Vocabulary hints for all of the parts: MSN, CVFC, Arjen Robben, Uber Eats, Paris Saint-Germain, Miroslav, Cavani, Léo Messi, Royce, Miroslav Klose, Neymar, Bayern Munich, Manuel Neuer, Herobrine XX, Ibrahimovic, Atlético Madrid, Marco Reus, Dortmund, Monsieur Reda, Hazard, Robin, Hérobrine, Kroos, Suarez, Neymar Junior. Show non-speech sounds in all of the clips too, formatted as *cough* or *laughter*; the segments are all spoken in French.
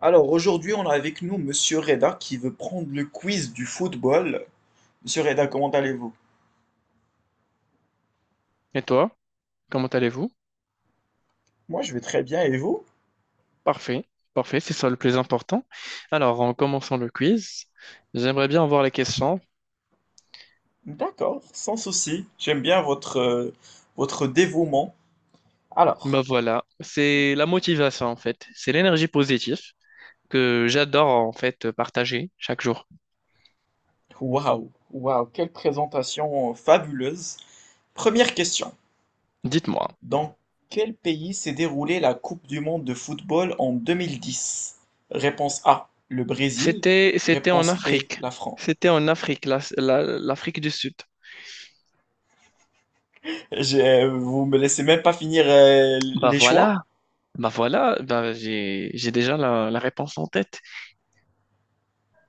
Alors aujourd'hui, on a avec nous Monsieur Reda qui veut prendre le quiz du football. Monsieur Reda, comment allez-vous? Et toi, comment allez-vous? Moi, je vais très bien et vous? Parfait, parfait, c'est ça le plus important. Alors, en commençant le quiz, j'aimerais bien avoir les questions. D'accord, sans souci. J'aime bien votre dévouement. Bah Alors, voilà, c'est la motivation en fait, c'est l'énergie positive que j'adore en fait partager chaque jour. waouh, waouh, quelle présentation fabuleuse. Première question. Dites-moi, Dans quel pays s'est déroulée la Coupe du monde de football en 2010? Réponse A, le Brésil. c'était en Réponse B, Afrique, la France. c'était en Afrique, l'Afrique du Sud. Vous me laissez même pas finir, Bah les choix? voilà, bah voilà, bah j'ai déjà la réponse en tête.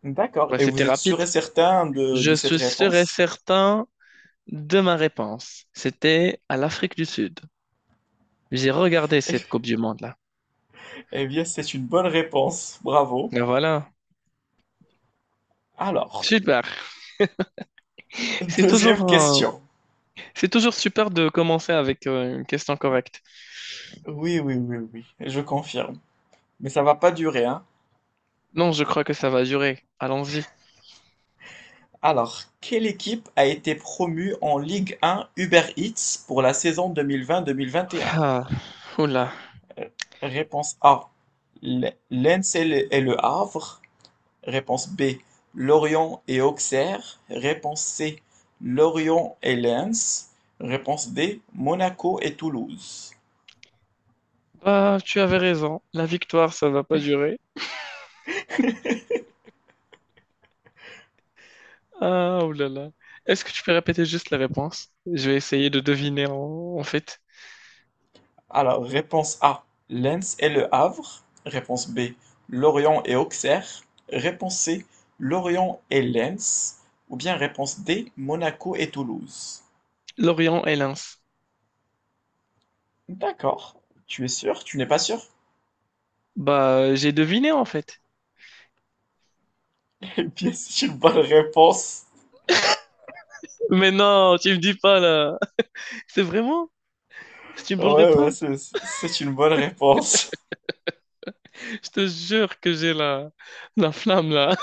D'accord. Bah Et c'était vous êtes sûr rapide. et certain de Je cette suis sûr et réponse? certain de ma réponse. C'était à l'Afrique du Sud. J'ai regardé cette *laughs* Coupe du Monde-là. Eh bien, c'est une bonne réponse. Bravo. Et voilà. Alors, Super. *laughs* C'est deuxième toujours, euh, question. c'est toujours super de commencer avec une question correcte. Oui, oui, oui, oui, je confirme. Mais ça va pas durer, hein. Non, je crois que ça va durer. Allons-y. Alors, quelle équipe a été promue en Ligue 1 Uber Eats pour la saison 2020-2021? Ah, oula. Euh, Réponse A, Lens et le Havre. Réponse B, Lorient et Auxerre. Réponse C, Lorient et Lens. Réponse D, Monaco et Toulouse. Bah, tu avais raison. La victoire, ça va pas durer. Ah, oulala. Est-ce que tu peux répéter juste la réponse? Je vais essayer de deviner en fait. Alors, réponse A, Lens et Le Havre. Réponse B, Lorient et Auxerre. Réponse C, Lorient et Lens. Ou bien réponse D, Monaco et Toulouse. Lorient et Lens. D'accord. Tu es sûr? Tu n'es pas sûr? Bah, j'ai deviné en fait. *laughs* Eh bien, c'est une bonne réponse. Mais non, tu me dis pas là. C'est vraiment? C'est une bonne Ouais, ouais, réponse. c'est une bonne réponse. Je te jure que j'ai la flamme là.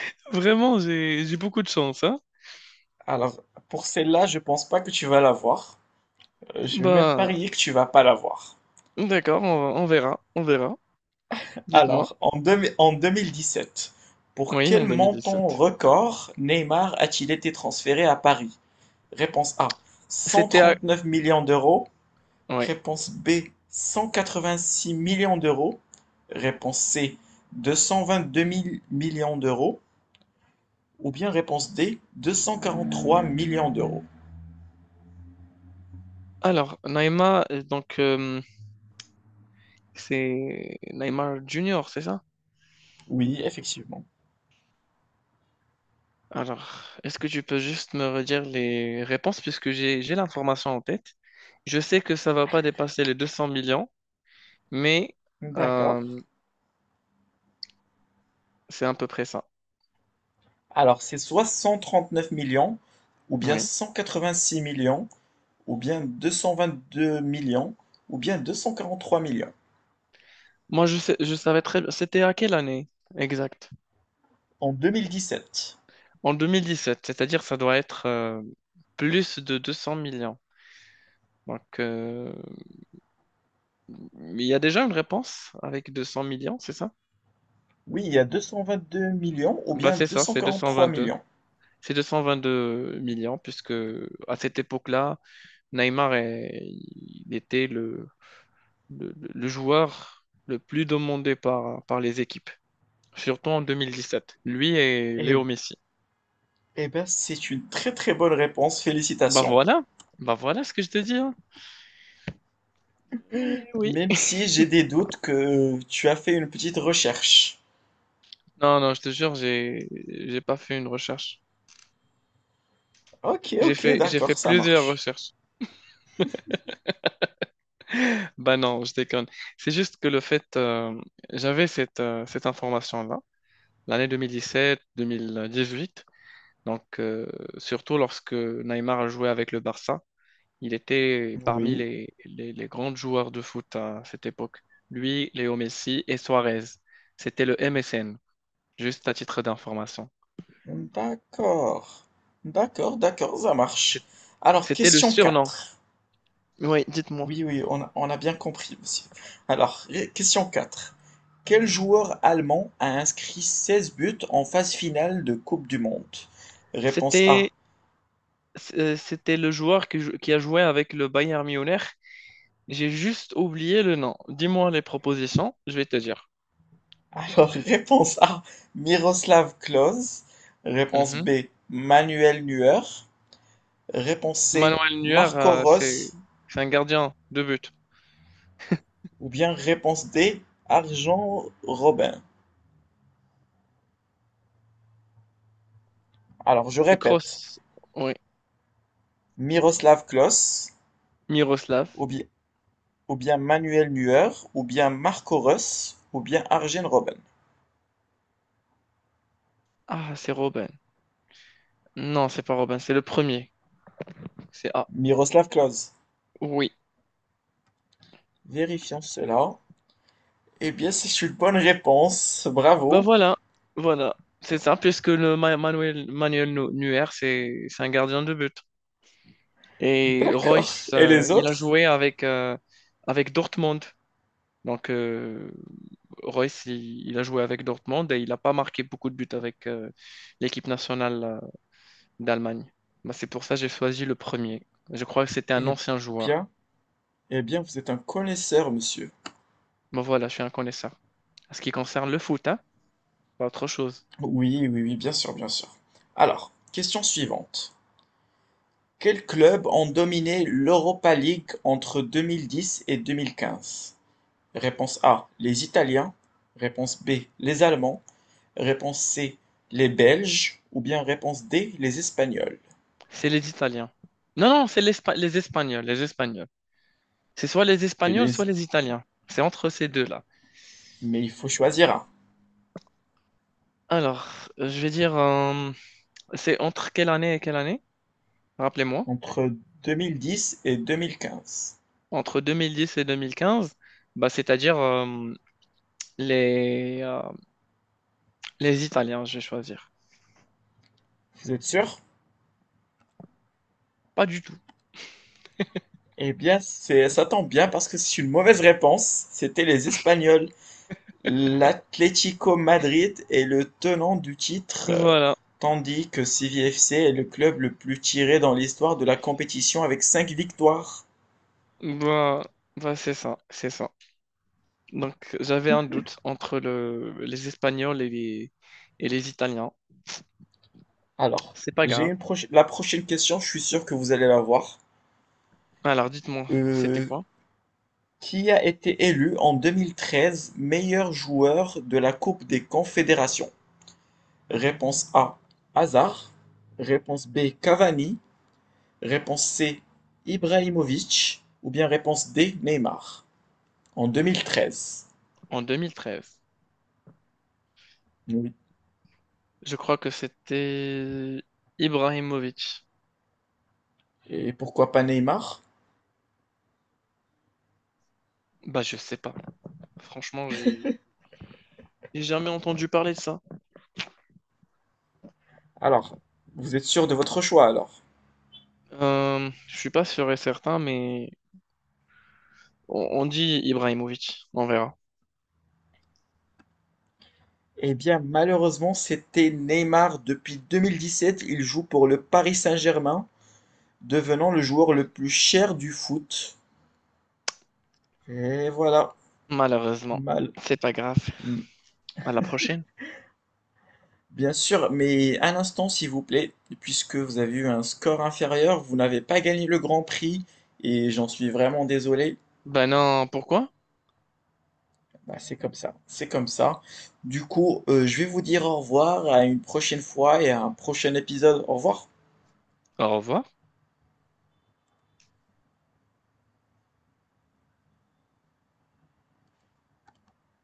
*laughs* Vraiment, j'ai beaucoup de chance, hein. Alors, pour celle-là, je pense pas que tu vas l'avoir. Je vais même Bah, parier que tu vas pas l'avoir. d'accord, on verra, on verra. Dites-moi. Alors, en 2017, pour Oui, en quel 2017. montant record Neymar a-t-il été transféré à Paris? Réponse A, cent C'était à... trente neuf millions d'euros. Ouais. Réponse B, 186 millions d'euros. Réponse C, 222 mille millions d'euros. Ou bien réponse D, 243 millions d'euros. Alors, Naïma, donc, c'est Neymar Junior, c'est ça? Oui, effectivement. Alors, est-ce que tu peux juste me redire les réponses puisque j'ai l'information en tête. Je sais que ça va pas dépasser les 200 millions, mais D'accord. euh, c'est à peu près ça. Alors, c'est soit 139 millions, ou bien Oui. 186 millions, ou bien 222 millions, ou bien 243 millions. Moi, je sais, je savais très bien. C'était à quelle année exact? En 2017. En 2017, c'est-à-dire ça doit être plus de 200 millions. Donc, il y a déjà une réponse avec 200 millions, c'est ça? Oui, il y a 222 millions, ou Bah, bien c'est deux ça, cent c'est quarante-trois 222. millions. C'est 222 millions, puisque à cette époque-là, il était le joueur le plus demandé par, par les équipes, surtout en 2017. Lui et Eh, Léo Messi. eh ben, c'est une très très bonne réponse, Bah félicitations. voilà, bah voilà ce que je te dis. Hein. Oui. Même si j'ai des doutes que tu as fait une petite recherche. Non, non, je te jure, j'ai pas fait une recherche. Ok, J'ai ok, fait j'ai fait d'accord, ça plusieurs marche. recherches. *laughs* Bah non, je déconne. C'est juste que le fait j'avais cette cette information-là, l'année 2017, 2018. Donc surtout lorsque Neymar a joué avec le Barça, il était parmi Oui, les grands joueurs de foot à cette époque. Lui, Léo Messi et Suarez. C'était le MSN, juste à titre d'information. d'accord. D'accord, d'accord, ça C'est- marche. Alors, C'était le question surnom. 4. Oui, dites-moi. Oui, oui, on a bien compris, monsieur. Alors, Question quatre. Quel joueur allemand a inscrit 16 buts en phase finale de Coupe du Monde? Réponse A. C'était C'était le joueur qui, qui a joué avec le Bayern Munich. J'ai juste oublié le nom. Dis-moi les propositions, je vais te dire. Alors, *laughs* réponse A, Miroslav Klose. Réponse Mhm. B, Manuel Neuer. Réponse C, Manuel Neuer, Marco Rose. c'est un gardien de but. Ou bien réponse D, Arjen Robben. Alors, je C'est répète, Kroos. Oui. Miroslav Klose, Miroslav. ou bien ou bien Manuel Neuer, ou bien Marco Reus, ou bien Arjen Robben. Ah, c'est Robin. Non, c'est pas Robin, c'est le premier. C'est A. Miroslav Klose. Oui. Vérifions cela. Eh bien, c'est une bonne réponse. Ben Bravo. voilà, voilà. C'est ça, puisque Manuel, Neuer, c'est un gardien de but. Et D'accord. Royce, Et les il a autres? joué avec, avec Dortmund. Donc, Royce, il a joué avec Dortmund et il n'a pas marqué beaucoup de buts avec l'équipe nationale d'Allemagne. Bah, c'est pour ça que j'ai choisi le premier. Je crois que c'était un Eh ancien joueur. bien, eh bien, vous êtes un connaisseur, monsieur. Mais voilà, je suis un connaisseur. En ce qui concerne le foot, hein, pas autre chose. Oui, oui, oui, bien sûr, bien sûr. Alors, question suivante. Quels clubs ont dominé l'Europa League entre 2010 et 2015? Réponse A, les Italiens. Réponse B, les Allemands. Réponse C, les Belges. Ou bien réponse D, les Espagnols. C'est les Italiens. Non, non, les Espagnols, les Espagnols. C'est soit les C'est Espagnols, les- soit les Italiens. C'est entre ces deux-là. Mais il faut choisir un. Alors, je vais dire, c'est entre quelle année et quelle année? Rappelez-moi. Entre 2010 et 2015. Entre 2010 et 2015, bah, c'est-à-dire les, les Italiens, je vais choisir. Vous êtes sûr? Pas du tout. Eh bien, ça tombe bien parce que c'est une mauvaise réponse. C'était les Espagnols. L'Atlético Madrid est le tenant du titre, Voilà. tandis que CVFC est le club le plus tiré dans l'histoire de la compétition avec 5 victoires. Bah, bah, c'est ça, c'est ça. Donc, j'avais un doute entre les Espagnols et et les Italiens. Alors, C'est pas grave. La prochaine question, je suis sûr que vous allez la voir. Alors, dites-moi, c'était Euh, quoi? qui a été élu en 2013 meilleur joueur de la Coupe des Confédérations? Réponse A, Hazard. Réponse B, Cavani. Réponse C, Ibrahimovic. Ou bien réponse D, Neymar. En 2013. En 2013, Oui. je crois que c'était Ibrahimovic. Et pourquoi pas Neymar? Bah, je sais pas. Franchement, j'ai jamais entendu parler de ça. Alors, vous êtes sûr de votre choix alors? Je suis pas sûr et certain, mais on dit Ibrahimovic. On verra. Eh bien, malheureusement, c'était Neymar. Depuis 2017, il joue pour le Paris Saint-Germain, devenant le joueur le plus cher du foot. Et voilà. Malheureusement, Mal. c'est pas grave. Mm. À la prochaine. Bien sûr, mais un instant, s'il vous plaît, puisque vous avez eu un score inférieur, vous n'avez pas gagné le Grand Prix, et j'en suis vraiment désolé. Ben non, pourquoi? Bah, c'est comme ça, c'est comme ça. Du coup, je vais vous dire au revoir à une prochaine fois et à un prochain épisode. Au revoir. Au revoir.